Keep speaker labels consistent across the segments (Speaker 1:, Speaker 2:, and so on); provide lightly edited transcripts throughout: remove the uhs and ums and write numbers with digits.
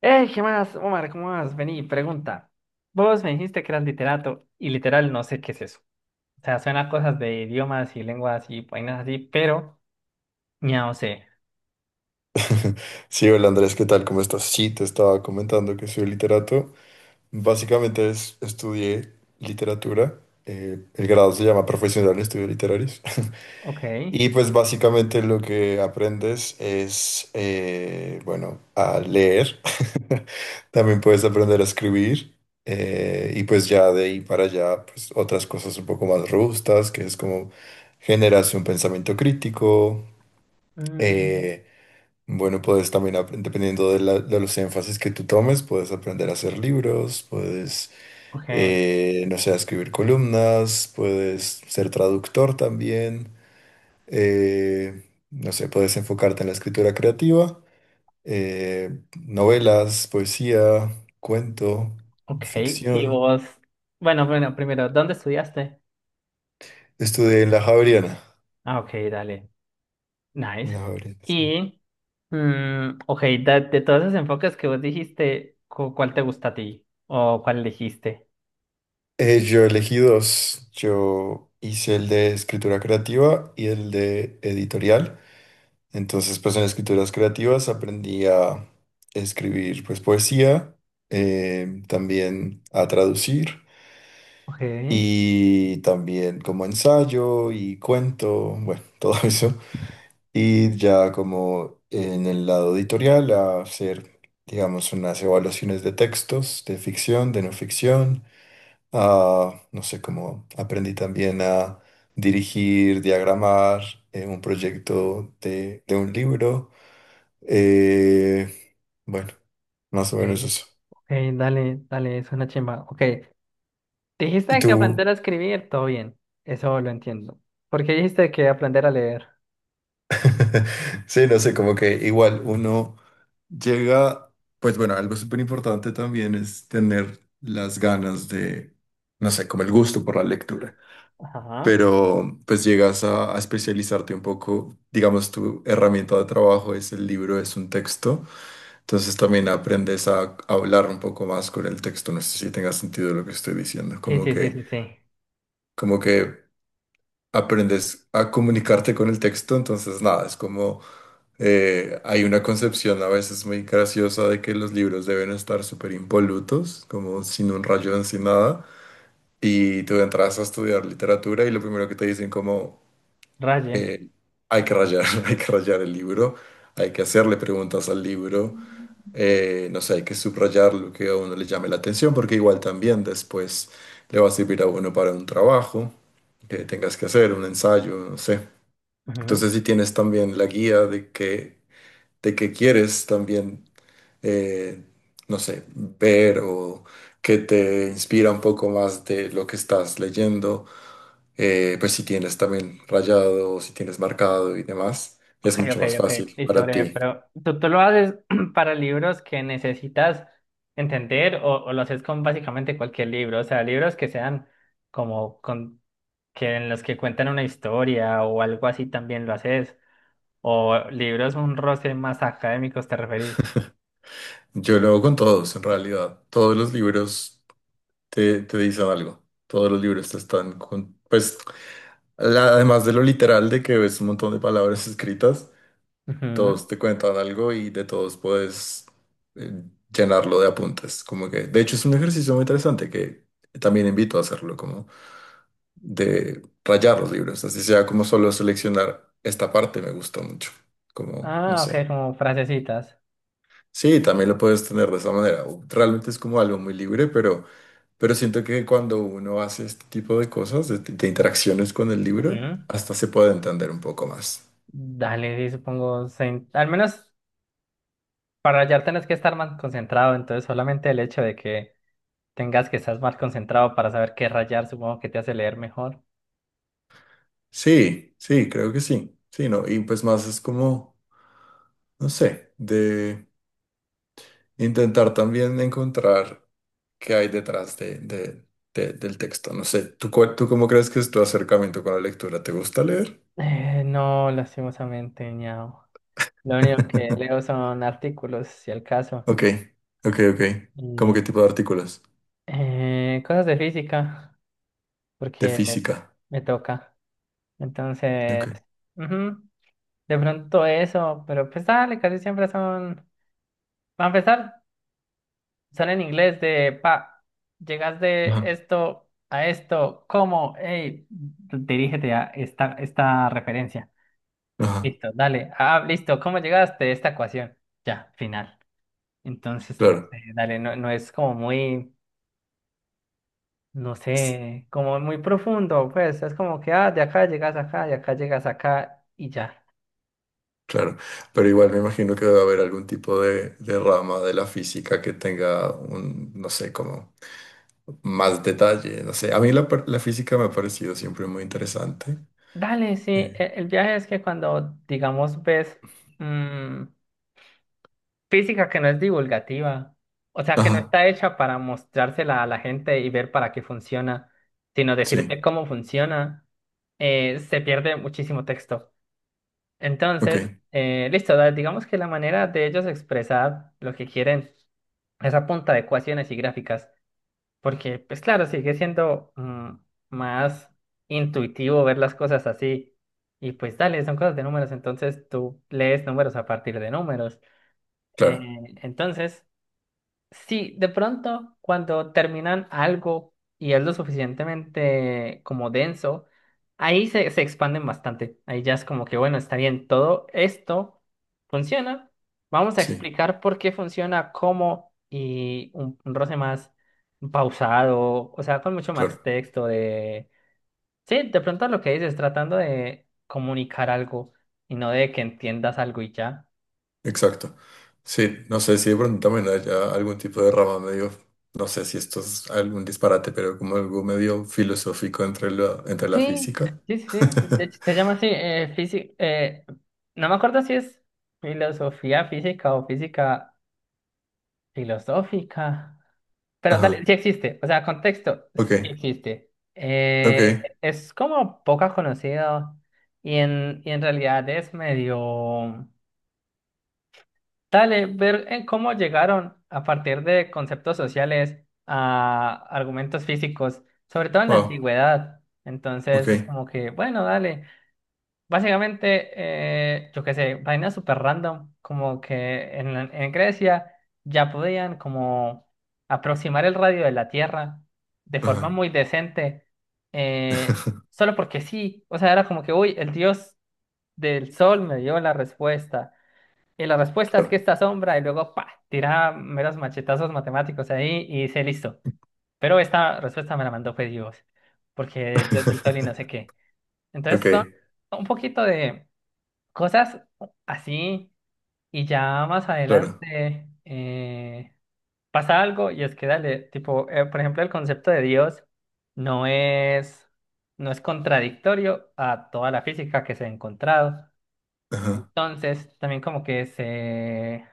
Speaker 1: ¿Qué más, Omar? ¿Cómo vas? Vení, pregunta. Vos me dijiste que eras literato y literal no sé qué es eso. O sea, suena a cosas de idiomas y lenguas y vainas así, pero ya no sé.
Speaker 2: Sí, hola Andrés, ¿qué tal? ¿Cómo estás? Sí, te estaba comentando que soy literato. Básicamente estudié literatura. El grado se llama Profesional de Estudios Literarios.
Speaker 1: Ok.
Speaker 2: Y pues básicamente lo que aprendes es, bueno, a leer. También puedes aprender a escribir. Y pues ya de ahí para allá, pues otras cosas un poco más robustas, que es como generas un pensamiento crítico.
Speaker 1: Mm,
Speaker 2: eh, bueno, Puedes también, dependiendo de, de los énfasis que tú tomes, puedes aprender a hacer libros, puedes,
Speaker 1: ok,
Speaker 2: no sé, a escribir columnas, puedes ser traductor también, eh, no sé, puedes enfocarte en la escritura creativa, eh, novelas, poesía, cuento,
Speaker 1: ok. Y
Speaker 2: ficción.
Speaker 1: vos, bueno, primero, ¿dónde estudiaste?
Speaker 2: Estudié en la Javeriana.
Speaker 1: Ah, ok, dale.
Speaker 2: En
Speaker 1: Nice.
Speaker 2: la Javeriana, sí.
Speaker 1: Y, mm, ok, de todos esos enfoques que vos dijiste, ¿cuál te gusta a ti? ¿O cuál elegiste?
Speaker 2: Yo elegí dos. Yo hice el de escritura creativa y el de editorial. Entonces, pues en escrituras creativas aprendí a escribir pues poesía, también a traducir
Speaker 1: Ok,
Speaker 2: y también como ensayo y cuento, bueno, todo eso. Y ya como en el lado editorial a hacer, digamos, unas evaluaciones de textos, de ficción, de no ficción, a, no sé, como aprendí también a dirigir, diagramar un proyecto de un libro. eh, bueno,
Speaker 1: ok,
Speaker 2: Más o menos eso.
Speaker 1: ok, dale, dale, suena chimba. Ok,
Speaker 2: Y
Speaker 1: dijiste que
Speaker 2: tú,
Speaker 1: aprender a escribir, todo bien, eso lo entiendo. ¿Por qué dijiste que aprender a leer?
Speaker 2: sí, no sé, como que igual uno llega, pues bueno, algo súper importante también es tener las ganas de, no sé, como el gusto por la lectura,
Speaker 1: Ajá.
Speaker 2: pero pues llegas a especializarte un poco, digamos, tu herramienta de trabajo es el libro, es un texto, entonces también aprendes a hablar un poco más con el texto, no sé si tenga sentido lo que estoy diciendo,
Speaker 1: Sí,
Speaker 2: como
Speaker 1: sí, sí,
Speaker 2: que,
Speaker 1: sí, sí.
Speaker 2: como que... aprendes a comunicarte con el texto, entonces nada, es como hay una concepción a veces muy graciosa de que los libros deben estar súper impolutos, como sin un rayón, sin nada, y tú entras a estudiar literatura y lo primero que te dicen como
Speaker 1: Raye.
Speaker 2: eh, hay que rayar, hay que rayar el libro, hay que hacerle preguntas al libro, no sé, hay que subrayar lo que a uno le llame la atención, porque igual también después le va a servir a uno para un trabajo que tengas que hacer, un ensayo, no sé.
Speaker 1: Ujú.
Speaker 2: Entonces, si tienes también la guía de que, de qué quieres también, eh, no sé, ver o que te inspira un poco más de lo que estás leyendo, pues si tienes también rayado, o si tienes marcado y demás, es
Speaker 1: Ok,
Speaker 2: mucho
Speaker 1: ok,
Speaker 2: más
Speaker 1: ok.
Speaker 2: fácil
Speaker 1: Listo,
Speaker 2: para
Speaker 1: breve.
Speaker 2: ti.
Speaker 1: Pero ¿tú, tú lo haces para libros que necesitas entender o lo haces con básicamente cualquier libro? O sea, libros que sean como con, que en los que cuentan una historia o algo así también lo haces. O libros un roce más académicos, ¿te referís?
Speaker 2: Yo lo hago con todos, en realidad. Todos los libros te, te dicen algo. Todos los libros te están con, pues, además de lo literal de que ves un montón de palabras escritas.
Speaker 1: Ujú.
Speaker 2: Todos te cuentan algo y de todos puedes eh, llenarlo de apuntes. Como que, de hecho, es un ejercicio muy interesante que también invito a hacerlo, como de rayar los libros, así sea como solo seleccionar esta parte me gustó mucho, como, no
Speaker 1: Ah,
Speaker 2: sé.
Speaker 1: ok, como frasecitas.
Speaker 2: Sí, también lo puedes tener de esa manera. O realmente es como algo muy libre, pero siento que cuando uno hace este tipo de cosas, de interacciones con el libro,
Speaker 1: Ujú.
Speaker 2: hasta se puede entender un poco más.
Speaker 1: Dale, sí, supongo, al menos para hallar tenés que estar más concentrado, entonces solamente el hecho de que tengas que estar más concentrado para saber qué rayar, supongo que te hace leer mejor.
Speaker 2: Sí, sí, creo que sí. Sí, no, y pues más es como no sé, de intentar también encontrar qué hay detrás de, del texto. No sé, ¿tú, tú cómo crees que es tu acercamiento con la lectura? ¿Te gusta leer?
Speaker 1: No, lastimosamente, ñao. Lo único que leo son artículos, si el caso,
Speaker 2: Ok, ok, ok. ¿Cómo
Speaker 1: y
Speaker 2: qué tipo de artículos?
Speaker 1: cosas de física,
Speaker 2: De
Speaker 1: porque
Speaker 2: física.
Speaker 1: me toca. Entonces,
Speaker 2: Ok.
Speaker 1: ujú, de pronto eso, pero pues dale, casi siempre son... Para empezar. Son en inglés de, pa, llegas de
Speaker 2: Ajá.
Speaker 1: esto a esto, ¿cómo? Hey, dirígete a esta referencia.
Speaker 2: Ajá.
Speaker 1: Listo, dale. Ah, listo, ¿cómo llegaste a esta ecuación? Ya, final. Entonces, no
Speaker 2: Claro.
Speaker 1: sé, dale, no, no es como muy, no
Speaker 2: Es-
Speaker 1: sé, como muy profundo, pues es como que, ah, de acá llegas acá, de acá llegas acá y ya.
Speaker 2: Claro. Pero igual me imagino que debe haber algún tipo de rama de la física que tenga un, no sé, como más detalle. No sé. A mí la, la física me ha parecido siempre muy interesante.
Speaker 1: Dale, sí,
Speaker 2: Eh,
Speaker 1: el viaje es que cuando, digamos, ves... mm, física que no es divulgativa, o sea, que no
Speaker 2: Ajá.
Speaker 1: está hecha para mostrársela a la gente y ver para qué funciona, sino decirte
Speaker 2: Sí,
Speaker 1: cómo funciona, se pierde muchísimo texto.
Speaker 2: ok,
Speaker 1: Entonces, listo, digamos que la manera de ellos expresar lo que quieren es a punta de ecuaciones y gráficas, porque, pues claro, sigue siendo más intuitivo ver las cosas así. Y pues dale, son cosas de números, entonces tú lees números a partir de números. Eh,
Speaker 2: claro,
Speaker 1: entonces... Sí, de pronto cuando terminan algo y es lo suficientemente como denso, ahí se expanden bastante. Ahí ya es como que, bueno, está bien, todo esto funciona. Vamos a
Speaker 2: sí,
Speaker 1: explicar por qué funciona, cómo y un roce más pausado, o sea, con mucho más
Speaker 2: claro,
Speaker 1: texto de... Sí, de pronto lo que dices, tratando de comunicar algo y no de que entiendas algo y ya.
Speaker 2: exacto. Sí, no sé si de pronto también haya algún tipo de rama medio, no sé si esto es algún disparate, pero como algo medio filosófico entre la
Speaker 1: Sí,
Speaker 2: física.
Speaker 1: sí, sí, sí, de hecho se llama así, física, no me acuerdo si es filosofía física o física filosófica, pero dale,
Speaker 2: Ajá,
Speaker 1: sí existe, o sea, contexto,
Speaker 2: ok,
Speaker 1: sí existe.
Speaker 2: ok,
Speaker 1: Es como poco conocido y en realidad es medio, dale, ver en cómo llegaron a partir de conceptos sociales a argumentos físicos, sobre todo en la
Speaker 2: wow,
Speaker 1: antigüedad.
Speaker 2: ok,
Speaker 1: Entonces es como que, bueno, dale. Básicamente, yo qué sé, vainas súper random, como que en Grecia ya podían como aproximar el radio de la Tierra de forma
Speaker 2: ajá,
Speaker 1: muy decente, eh, solo porque sí, o sea, era como que, uy, el dios del sol me dio la respuesta, y la respuesta es que
Speaker 2: claro,
Speaker 1: esta sombra, y luego, pa, tiraba meros machetazos matemáticos ahí y dice, listo, pero esta respuesta me la mandó fue Dios, porque Dios del sol y no sé qué.
Speaker 2: ok,
Speaker 1: Entonces son un poquito de... Cosas así y ya más
Speaker 2: claro,
Speaker 1: adelante pasa algo y es que dale, tipo, por ejemplo, el concepto de Dios no es, no es contradictorio a toda la física que se ha encontrado.
Speaker 2: ajá,
Speaker 1: Entonces, también como que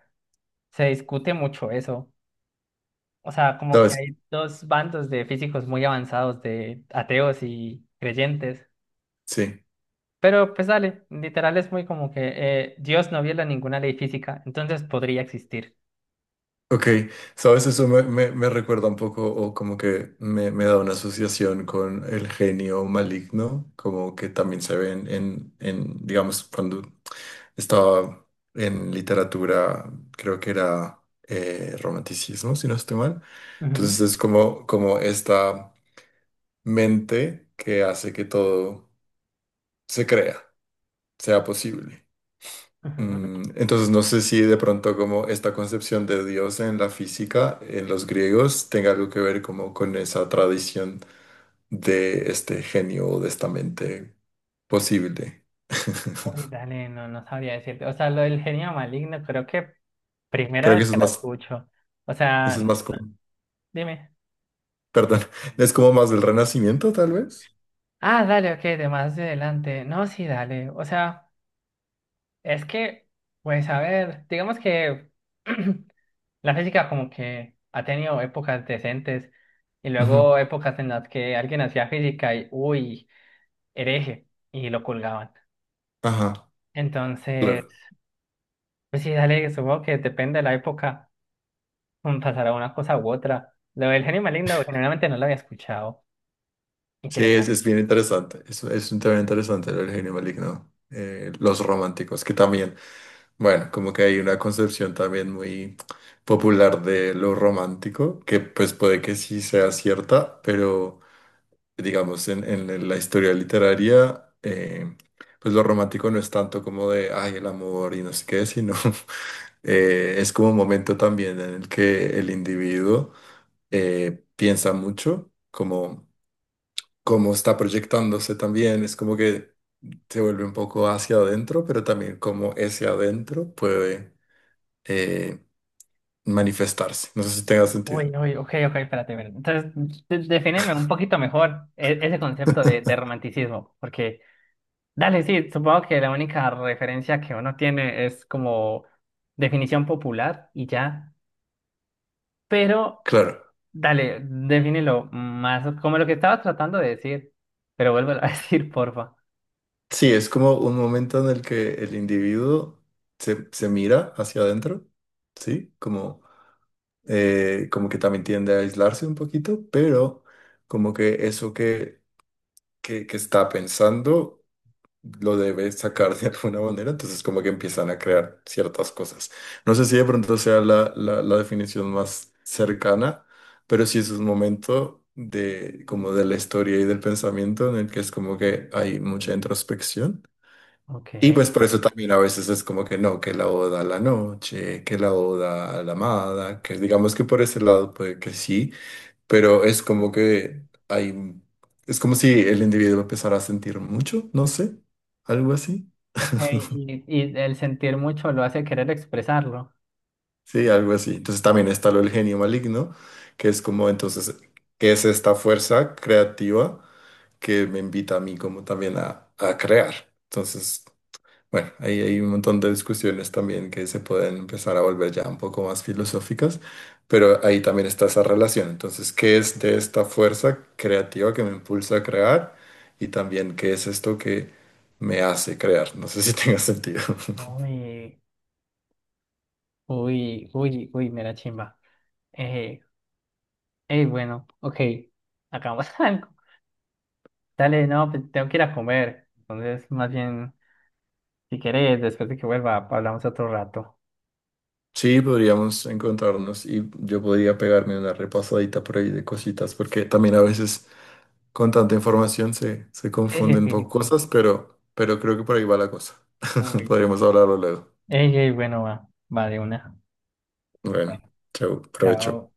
Speaker 1: se discute mucho eso. O sea, como que
Speaker 2: ¿sabes?
Speaker 1: hay dos bandos de físicos muy avanzados, de ateos y creyentes.
Speaker 2: Sí.
Speaker 1: Pero pues dale, literal es muy como que Dios no viola ninguna ley física, entonces podría existir.
Speaker 2: Ok, sabes, eso me, me, me recuerda un poco o como que me da una asociación con el genio maligno, como que también se ve en, digamos, cuando estaba en literatura, creo que era romanticismo, si no estoy mal. Entonces
Speaker 1: Ujú,
Speaker 2: es como, como esta mente que hace que todo se crea, sea posible.
Speaker 1: ujú.
Speaker 2: Mm, entonces no sé si de pronto como esta concepción de Dios en la física, en los griegos, tenga algo que ver como con esa tradición de este genio o de esta mente posible.
Speaker 1: Uy, dale, no, no sabría decirte. O sea, lo del genio maligno, creo que primera
Speaker 2: Creo que
Speaker 1: vez que la escucho. O
Speaker 2: eso es
Speaker 1: sea,
Speaker 2: más como,
Speaker 1: dime.
Speaker 2: perdón, es como más del Renacimiento tal vez.
Speaker 1: Ah, dale, ok, de más de adelante. No, sí, dale. O sea, es que, pues a ver, digamos que la física como que ha tenido épocas decentes y
Speaker 2: Ujú.
Speaker 1: luego épocas en las que alguien hacía física y, uy, hereje y lo colgaban.
Speaker 2: Ajá,
Speaker 1: Entonces,
Speaker 2: claro.
Speaker 1: pues sí, dale, supongo que depende de la época, mm, pasará una cosa u otra. Lo del genio maligno, generalmente no lo había escuchado.
Speaker 2: Sí, es
Speaker 1: Interesante.
Speaker 2: bien interesante. Es un tema interesante el genio maligno. Los románticos, que también bueno, como que hay una concepción también muy popular de lo romántico, que pues puede que sí sea cierta, pero digamos en la historia literaria, pues lo romántico no es tanto como de, ay, el amor y no sé qué, sino es como un momento también en el que el individuo piensa mucho, como, como está proyectándose también, es como que se vuelve un poco hacia adentro, pero también como ese adentro puede eh, manifestarse. No sé si tenga sentido.
Speaker 1: Uy, uy, ok, ok, espérate. Espérate. Entonces, defíneme un poquito mejor ese concepto de romanticismo, porque, dale, sí, supongo que la única referencia que uno tiene es como definición popular y ya, pero,
Speaker 2: Claro.
Speaker 1: dale, defínelo más como lo que estaba tratando de decir, pero vuélvelo a decir, porfa.
Speaker 2: Sí, es como un momento en el que el individuo se, se mira hacia adentro, ¿sí? Como, como que también tiende a aislarse un poquito, pero como que eso que está pensando lo debe sacar de alguna manera, entonces como que empiezan a crear ciertas cosas. No sé si de pronto sea la, la, la definición más cercana, pero sí es un momento de como de la historia y del pensamiento en el que es como que hay mucha introspección.
Speaker 1: Ok,
Speaker 2: Y pues por eso también a veces es como que no, que la oda a la noche, que la oda a la amada, que digamos que por ese lado puede que sí, pero es como que hay, es como si el individuo empezara a sentir mucho, no sé, algo así,
Speaker 1: ok, y el sentir mucho lo hace querer expresarlo.
Speaker 2: sí, algo así. Entonces también está lo del genio maligno, que es como entonces, que es esta fuerza creativa que me invita a mí como también a crear. Entonces... bueno, ahí hay un montón de discusiones también que se pueden empezar a volver ya un poco más filosóficas, pero ahí también está esa relación. Entonces, ¿qué es de esta fuerza creativa que me impulsa a crear? Y también, ¿qué es esto que me hace crear? No sé si tenga sentido.
Speaker 1: Uy, uy, uy, uy, mera chimba. Eh, bueno, ok, hagamos algo. Dale, no, pues tengo que ir a comer. Entonces, más bien, si querés, después de que vuelva, hablamos otro rato.
Speaker 2: Sí, podríamos encontrarnos y yo podría pegarme una repasadita por ahí de cositas, porque también a veces con tanta información se, se
Speaker 1: Sí, sí,
Speaker 2: confunden un
Speaker 1: sí,
Speaker 2: poco
Speaker 1: sí, sí.
Speaker 2: cosas, pero creo que por ahí va la cosa.
Speaker 1: Uy.
Speaker 2: Podríamos hablarlo luego.
Speaker 1: Ey, ey, bueno, va, va de una.
Speaker 2: Bueno,
Speaker 1: Bueno,
Speaker 2: chao provecho.
Speaker 1: chao.